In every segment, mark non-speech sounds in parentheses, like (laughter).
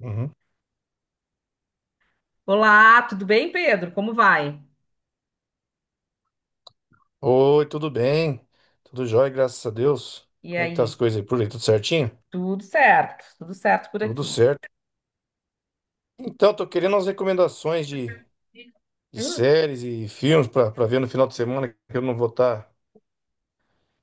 Uhum. Olá, tudo bem, Pedro? Como vai? Oi, tudo bem? Tudo jóia, graças a Deus. E Como é que tá as aí? coisas aí por aí? Tudo certinho? Tudo certo por Tudo aqui. certo. Então, tô querendo umas recomendações de séries e filmes pra ver no final de semana que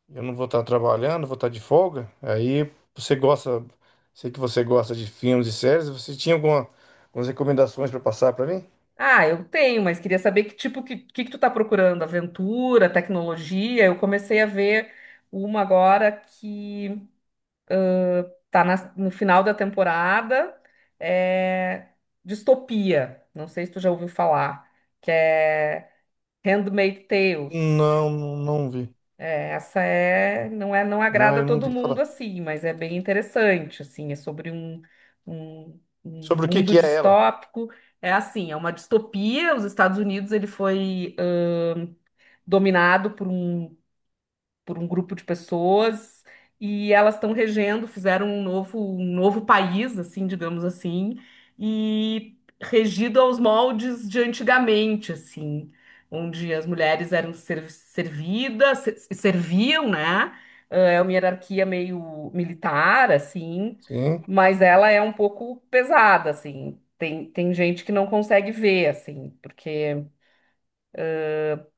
eu não vou estar trabalhando, vou estar de folga. Aí você gosta, sei que você gosta de filmes e séries, algumas recomendações pra passar pra mim? Ah, eu tenho, mas queria saber que tipo que tu tá procurando? Aventura, tecnologia? Eu comecei a ver uma agora que tá no final da temporada, é distopia. Não sei se tu já ouviu falar, que é Handmaid's Tales. Não, não, não vi. É, essa é, não Não, agrada a eu não todo vi falar. mundo, assim, mas é bem interessante, assim, é sobre um, Sobre o que mundo que é ela? distópico. É assim, é uma distopia. Os Estados Unidos ele foi dominado por um grupo de pessoas, e elas estão regendo, fizeram um novo país, assim, digamos assim, e regido aos moldes de antigamente, assim, onde as mulheres eram servidas, serviam, né? É uma hierarquia meio militar, assim, Sim, mas ela é um pouco pesada, assim. Tem gente que não consegue ver, assim, porque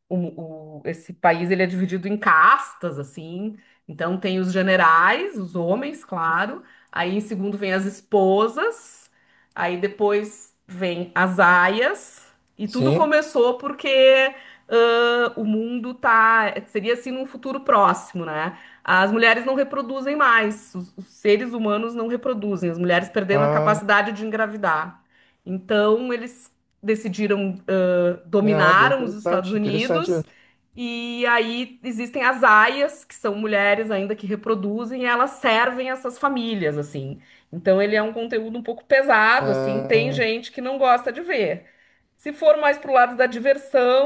esse país ele é dividido em castas, assim. Então tem os generais, os homens, claro. Aí em segundo vem as esposas. Aí depois vem as aias. E tudo sim. começou porque o mundo tá. Seria assim num futuro próximo, né? As mulheres não reproduzem mais. Os seres humanos não reproduzem. As mulheres perderam a Ah, capacidade de engravidar. Então eles decidiram, é, ah, bem dominaram os Estados interessante, interessante. Unidos. E aí existem as aias, que são mulheres ainda que reproduzem, e elas servem essas famílias, assim. Então ele é um conteúdo um pouco pesado, assim, tem Ah, gente que não gosta de ver. Se for mais pro lado da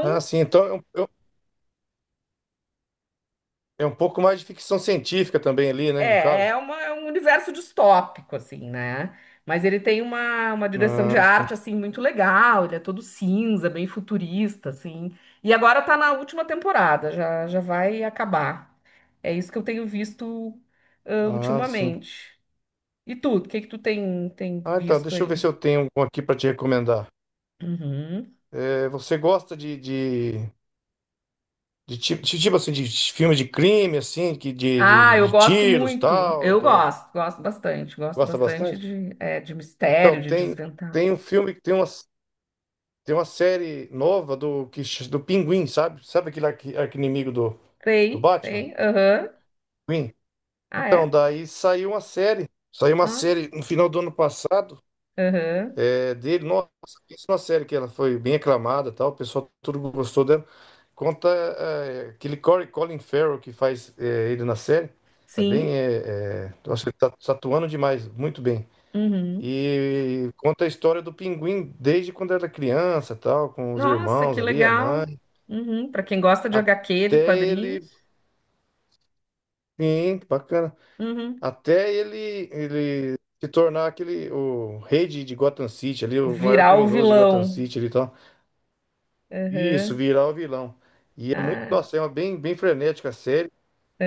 ah, sim. Então é é um é um pouco mais de ficção científica também ali, né? No É, é, caso. uma- é um universo distópico, assim, né? Mas ele tem uma, direção de Ah, sim. arte, assim, muito legal. Ele é todo cinza, bem futurista, assim. E agora tá na última temporada, já, já vai acabar. É isso que eu tenho visto, Ah, sim. ultimamente. E tu, o que que tu tem Ah, então, visto deixa eu ver aí? se eu tenho algum aqui para te recomendar. Uhum. É, você gosta de tipo, de filme de crime, assim, que Ah, eu de gosto tiros muito. tal? Eu De gosto, gosto bastante. Gosto gosta bastante bastante? de Então, mistério, de desventar. tem um filme, que tem uma série nova do, que, do Pinguim, sabe? Sabe aquele arqui-inimigo do, do Tem, Batman? tem, aham. Pinguim? Ah, Então, é? daí saiu uma série. Saiu uma Nossa. série no final do ano passado, Aham. é, dele. Nossa, isso é uma série que ela foi bem aclamada, e tal. O pessoal tudo gostou dela. Conta é, aquele Corey Colin Farrell que faz é, ele na série. Tá bem, Sim. Nossa, tá atuando demais, muito bem. Uhum. E conta a história do Pinguim desde quando era criança, tal, com os Nossa, irmãos que ali, a legal. mãe, Uhum. Para quem gosta de HQ, de até quadrinhos. ele. Sim, bacana. Uhum. Até ele, ele se tornar aquele, o rei de Gotham City ali, o maior Virar o criminoso de Gotham vilão. City ali e tal. Isso, Aham. virar o vilão. E é muito, Ah, nossa, é uma bem, bem frenética a série,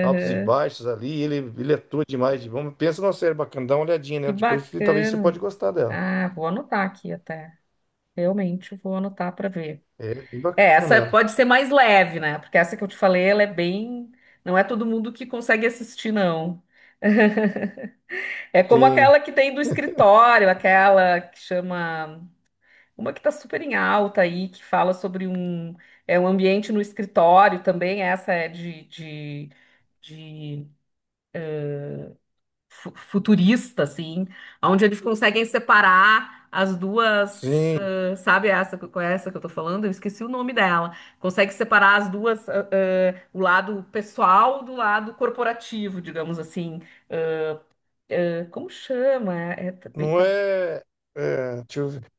altos e baixos ali, ele atua demais. De bom. Pensa numa série bacana, dá uma olhadinha Que nela depois, e talvez você bacana. pode gostar dela. Ah, vou anotar aqui até. Realmente vou anotar para ver. É bem É, bacana essa ela. pode ser mais leve, né? Porque essa que eu te falei, ela é bem. Não é todo mundo que consegue assistir, não. (laughs) É como Sim, aquela que tem do escritório, aquela que chama. Uma que está super em alta aí, que fala sobre um, é um ambiente no escritório também, essa é de futurista, assim, onde eles conseguem separar as duas, sim. Sabe essa, qual é essa que eu tô falando? Eu esqueci o nome dela. Consegue separar as duas, o lado pessoal do lado corporativo, digamos assim. Como chama? Não é, é, deixa eu ver.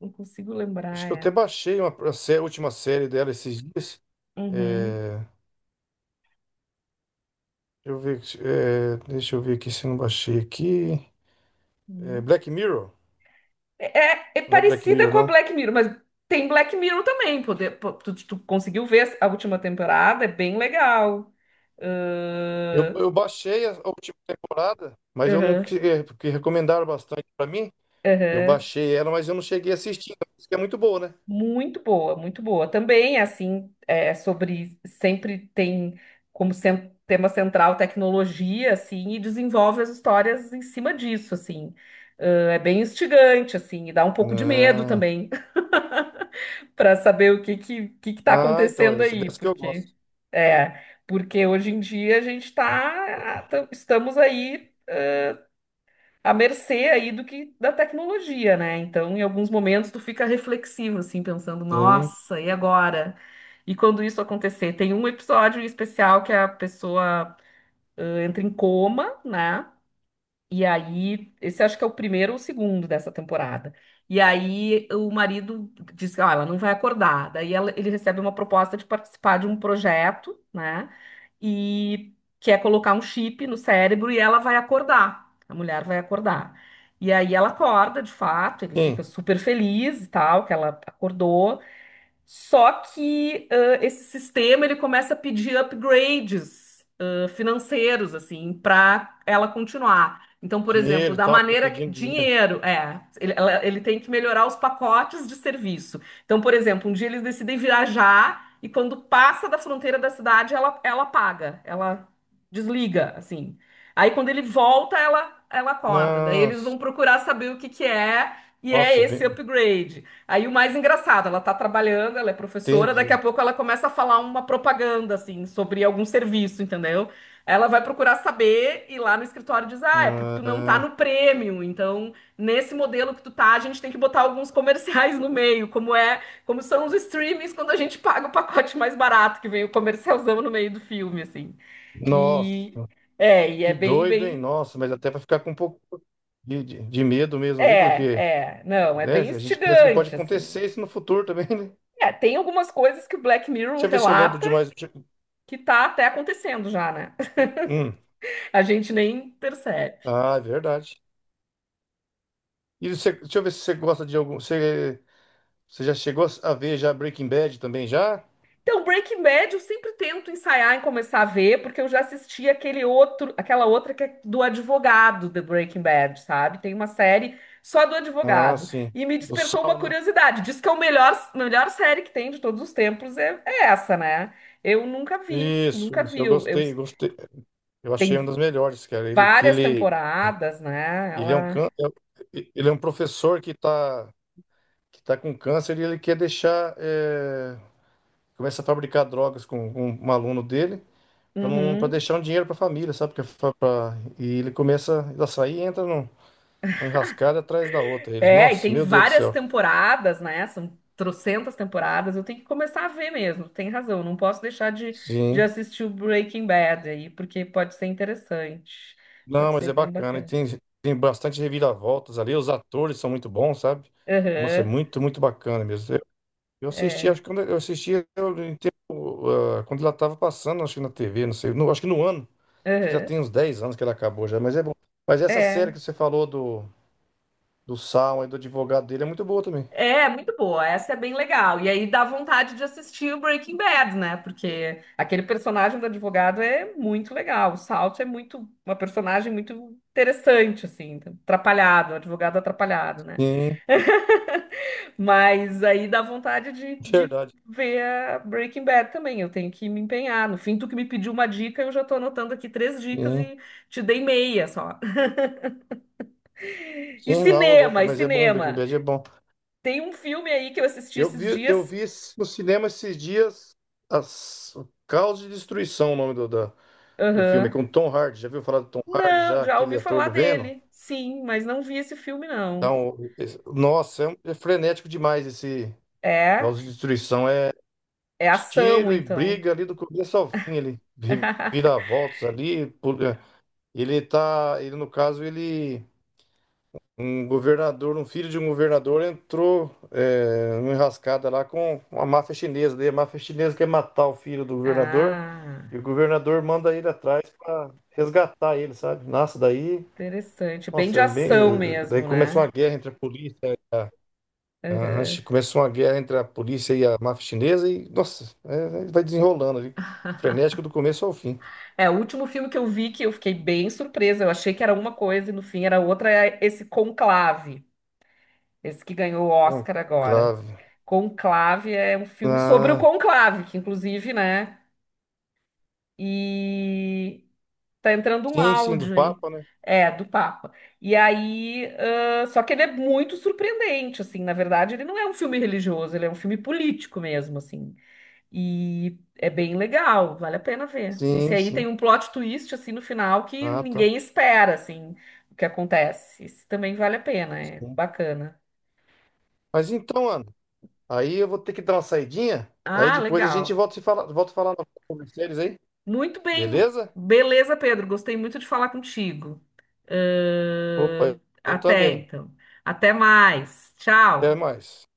Não consigo Acho lembrar, que eu até é. baixei a última série dela esses dias. Uhum, É, deixa eu ver, é, deixa eu ver aqui se eu não baixei aqui. É, uhum. Black Mirror? É, Não é Black parecida Mirror, com a não. Black Mirror, mas tem Black Mirror também. Tu conseguiu ver a última temporada? É bem legal. Ahn, Eu baixei a última temporada, mas eu não. aham, É, porque recomendaram bastante pra mim. Eu aham. baixei ela, mas eu não cheguei a assistir. Isso que é muito boa, né? Muito boa, muito boa. Também, assim, é sobre. Sempre tem como tema central tecnologia, assim, e desenvolve as histórias em cima disso, assim. É bem instigante, assim, e dá um pouco de medo Ah, também. Para saber o que que, tá ah, então, é acontecendo essa aí, dessa que eu porque gosto. é, porque hoje em dia a gente tá, estamos aí à mercê aí do que da tecnologia, né? Então, em alguns momentos tu fica reflexivo assim, pensando, Sim, nossa, e agora? E quando isso acontecer, tem um episódio especial que a pessoa entra em coma, né? E aí, esse acho que é o primeiro ou o segundo dessa temporada. E aí, o marido diz que, ah, ela não vai acordar. Daí, ele recebe uma proposta de participar de um projeto, né? E quer colocar um chip no cérebro e ela vai acordar. A mulher vai acordar. E aí, ela acorda, de fato, ele fica sim. super feliz e tal, que ela acordou. Só que esse sistema ele começa a pedir upgrades financeiros assim para ela continuar. Então, por exemplo, Dinheiro e da tal, fica maneira que, pedindo dinheiro. dinheiro, ele tem que melhorar os pacotes de serviço. Então, por exemplo, um dia eles decidem viajar e quando passa da fronteira da cidade, ela paga, ela desliga, assim. Aí quando ele volta, ela acorda. Daí eles vão Nossa, procurar saber o que que é nossa, esse bem, upgrade. Aí o mais engraçado, ela tá trabalhando, ela é professora, daqui entendi. a pouco ela começa a falar uma propaganda, assim, sobre algum serviço, entendeu? Ela vai procurar saber e lá no escritório diz, ah, é porque tu não tá Ah, no prêmio, então nesse modelo que tu tá, a gente tem que botar alguns comerciais no meio, como são os streamings quando a gente paga o pacote mais barato, que vem o comercialzão no meio do filme, assim. E nossa. e é Que bem, doido, hein? bem, Nossa, mas até para ficar com um pouco de medo mesmo ali, porque, não, é né, bem a gente pensa que pode instigante, assim. acontecer isso no futuro também, né? É, tem algumas coisas que o Black Mirror Deixa eu ver se eu lembro relata de mais. que tá até acontecendo já, né? Hum. (laughs) A gente nem percebe. Ah, é verdade. E você, deixa eu ver se você gosta de algum. Você, você já chegou a ver já Breaking Bad também já? Então, Breaking Bad eu sempre tento ensaiar em começar a ver, porque eu já assisti aquele outro, aquela outra que é do advogado de Breaking Bad, sabe? Tem uma série só do Ah, advogado. sim. E me O despertou uma Sal, né? curiosidade. Diz que é o melhor, melhor série que tem de todos os tempos é essa, né? Eu nunca vi, Isso, nunca isso, vi. eu Eu, eu- gostei, gostei. Eu tem achei uma das melhores, cara. Ele, que várias ele, temporadas, né? ele é um can... Ela. ele é um professor que tá com câncer e ele quer deixar. Eh, começa a fabricar drogas com um aluno dele para não para Uhum. deixar um dinheiro para a família, sabe? Porque e ele começa a sair e entra num, numa enrascada atrás da outra. Eles, É, e nossa, tem meu Deus do várias céu. temporadas, né? São trocentas temporadas. Eu tenho que começar a ver mesmo. Tem razão. Não posso deixar de, Sim. assistir o Breaking Bad aí, porque pode ser interessante. Não, Pode mas ser é bem bacana. E bacana. tem, tem bastante reviravoltas ali. Os atores são muito bons, sabe? Nossa, é Aham, muito, muito bacana mesmo. Eu assisti, acho é. que quando eu assisti eu, em tempo, ah, quando ela estava passando, acho que na TV, não sei, no, acho que no ano. Acho que já Aham, tem uns 10 anos que ela acabou já, mas é bom. Mas essa série é. que você falou do Salma e do advogado dele é muito boa também. É muito boa. Essa é bem legal. E aí dá vontade de assistir o Breaking Bad, né? Porque aquele personagem do advogado é muito legal. O Salt é uma personagem muito interessante, assim, atrapalhado, um advogado atrapalhado, né? Sim, (laughs) Mas aí dá vontade de verdade. ver a Breaking Bad também. Eu tenho que me empenhar. No fim, tu que me pediu uma dica, eu já tô anotando aqui três dicas Sim, e te dei meia só. (laughs) E sim, não, ô louco, cinema, e mas é bom, Breaking cinema. Bad é bom. Tem um filme aí que eu assisti esses Eu dias. vi no cinema esses dias as o Caos de Destruição, o nome do filme, Aham. com Tom Hardy. Já viu falar do Tom Hardy, Não, já já aquele ouvi ator falar do Venom? dele. Sim, mas não vi esse filme, não. Então, nossa, é, é frenético demais esse É? Caos de Destruição. É É ação, tiro e então. briga ali do começo ao fim, ele vira (laughs) voltas ali. Ele no caso, ele um governador, um filho de um governador entrou é, numa enrascada lá com a máfia chinesa. Daí a máfia chinesa quer matar o filho do governador Ah, e o governador manda ele atrás para resgatar ele, sabe? Nossa, daí, interessante. Bem nossa, de eu bem, ação daí mesmo, começou uma né? guerra entre a polícia e a, Aham. começou uma guerra entre a polícia e a máfia chinesa e, nossa, é, vai desenrolando ali. Frenético (laughs) do começo ao fim. É, o último filme que eu vi que eu fiquei bem surpresa. Eu achei que era uma coisa e no fim era outra. É esse Conclave, esse que ganhou o Oscar agora. Conclave. Conclave é um filme sobre o Ah, conclave, que inclusive, né? E tá entrando um sim, sim, do áudio aí. Papa, né? É, do Papa. E aí, só que ele é muito surpreendente, assim. Na verdade, ele não é um filme religioso, ele é um filme político mesmo, assim. E é bem legal, vale a pena ver. Esse Sim, aí tem sim. um plot twist assim no final que Ah, tá. ninguém espera assim o que acontece. Esse também vale a pena, é bacana. Mas então, Ana, aí eu vou ter que dar uma saidinha. Aí Ah, depois a gente legal. volta a se falar, volta a falar sobre séries aí. Muito bem. Beleza? Beleza, Pedro, gostei muito de falar contigo. Opa, Ahn, eu Até também. então. Até mais. Até Tchau. mais.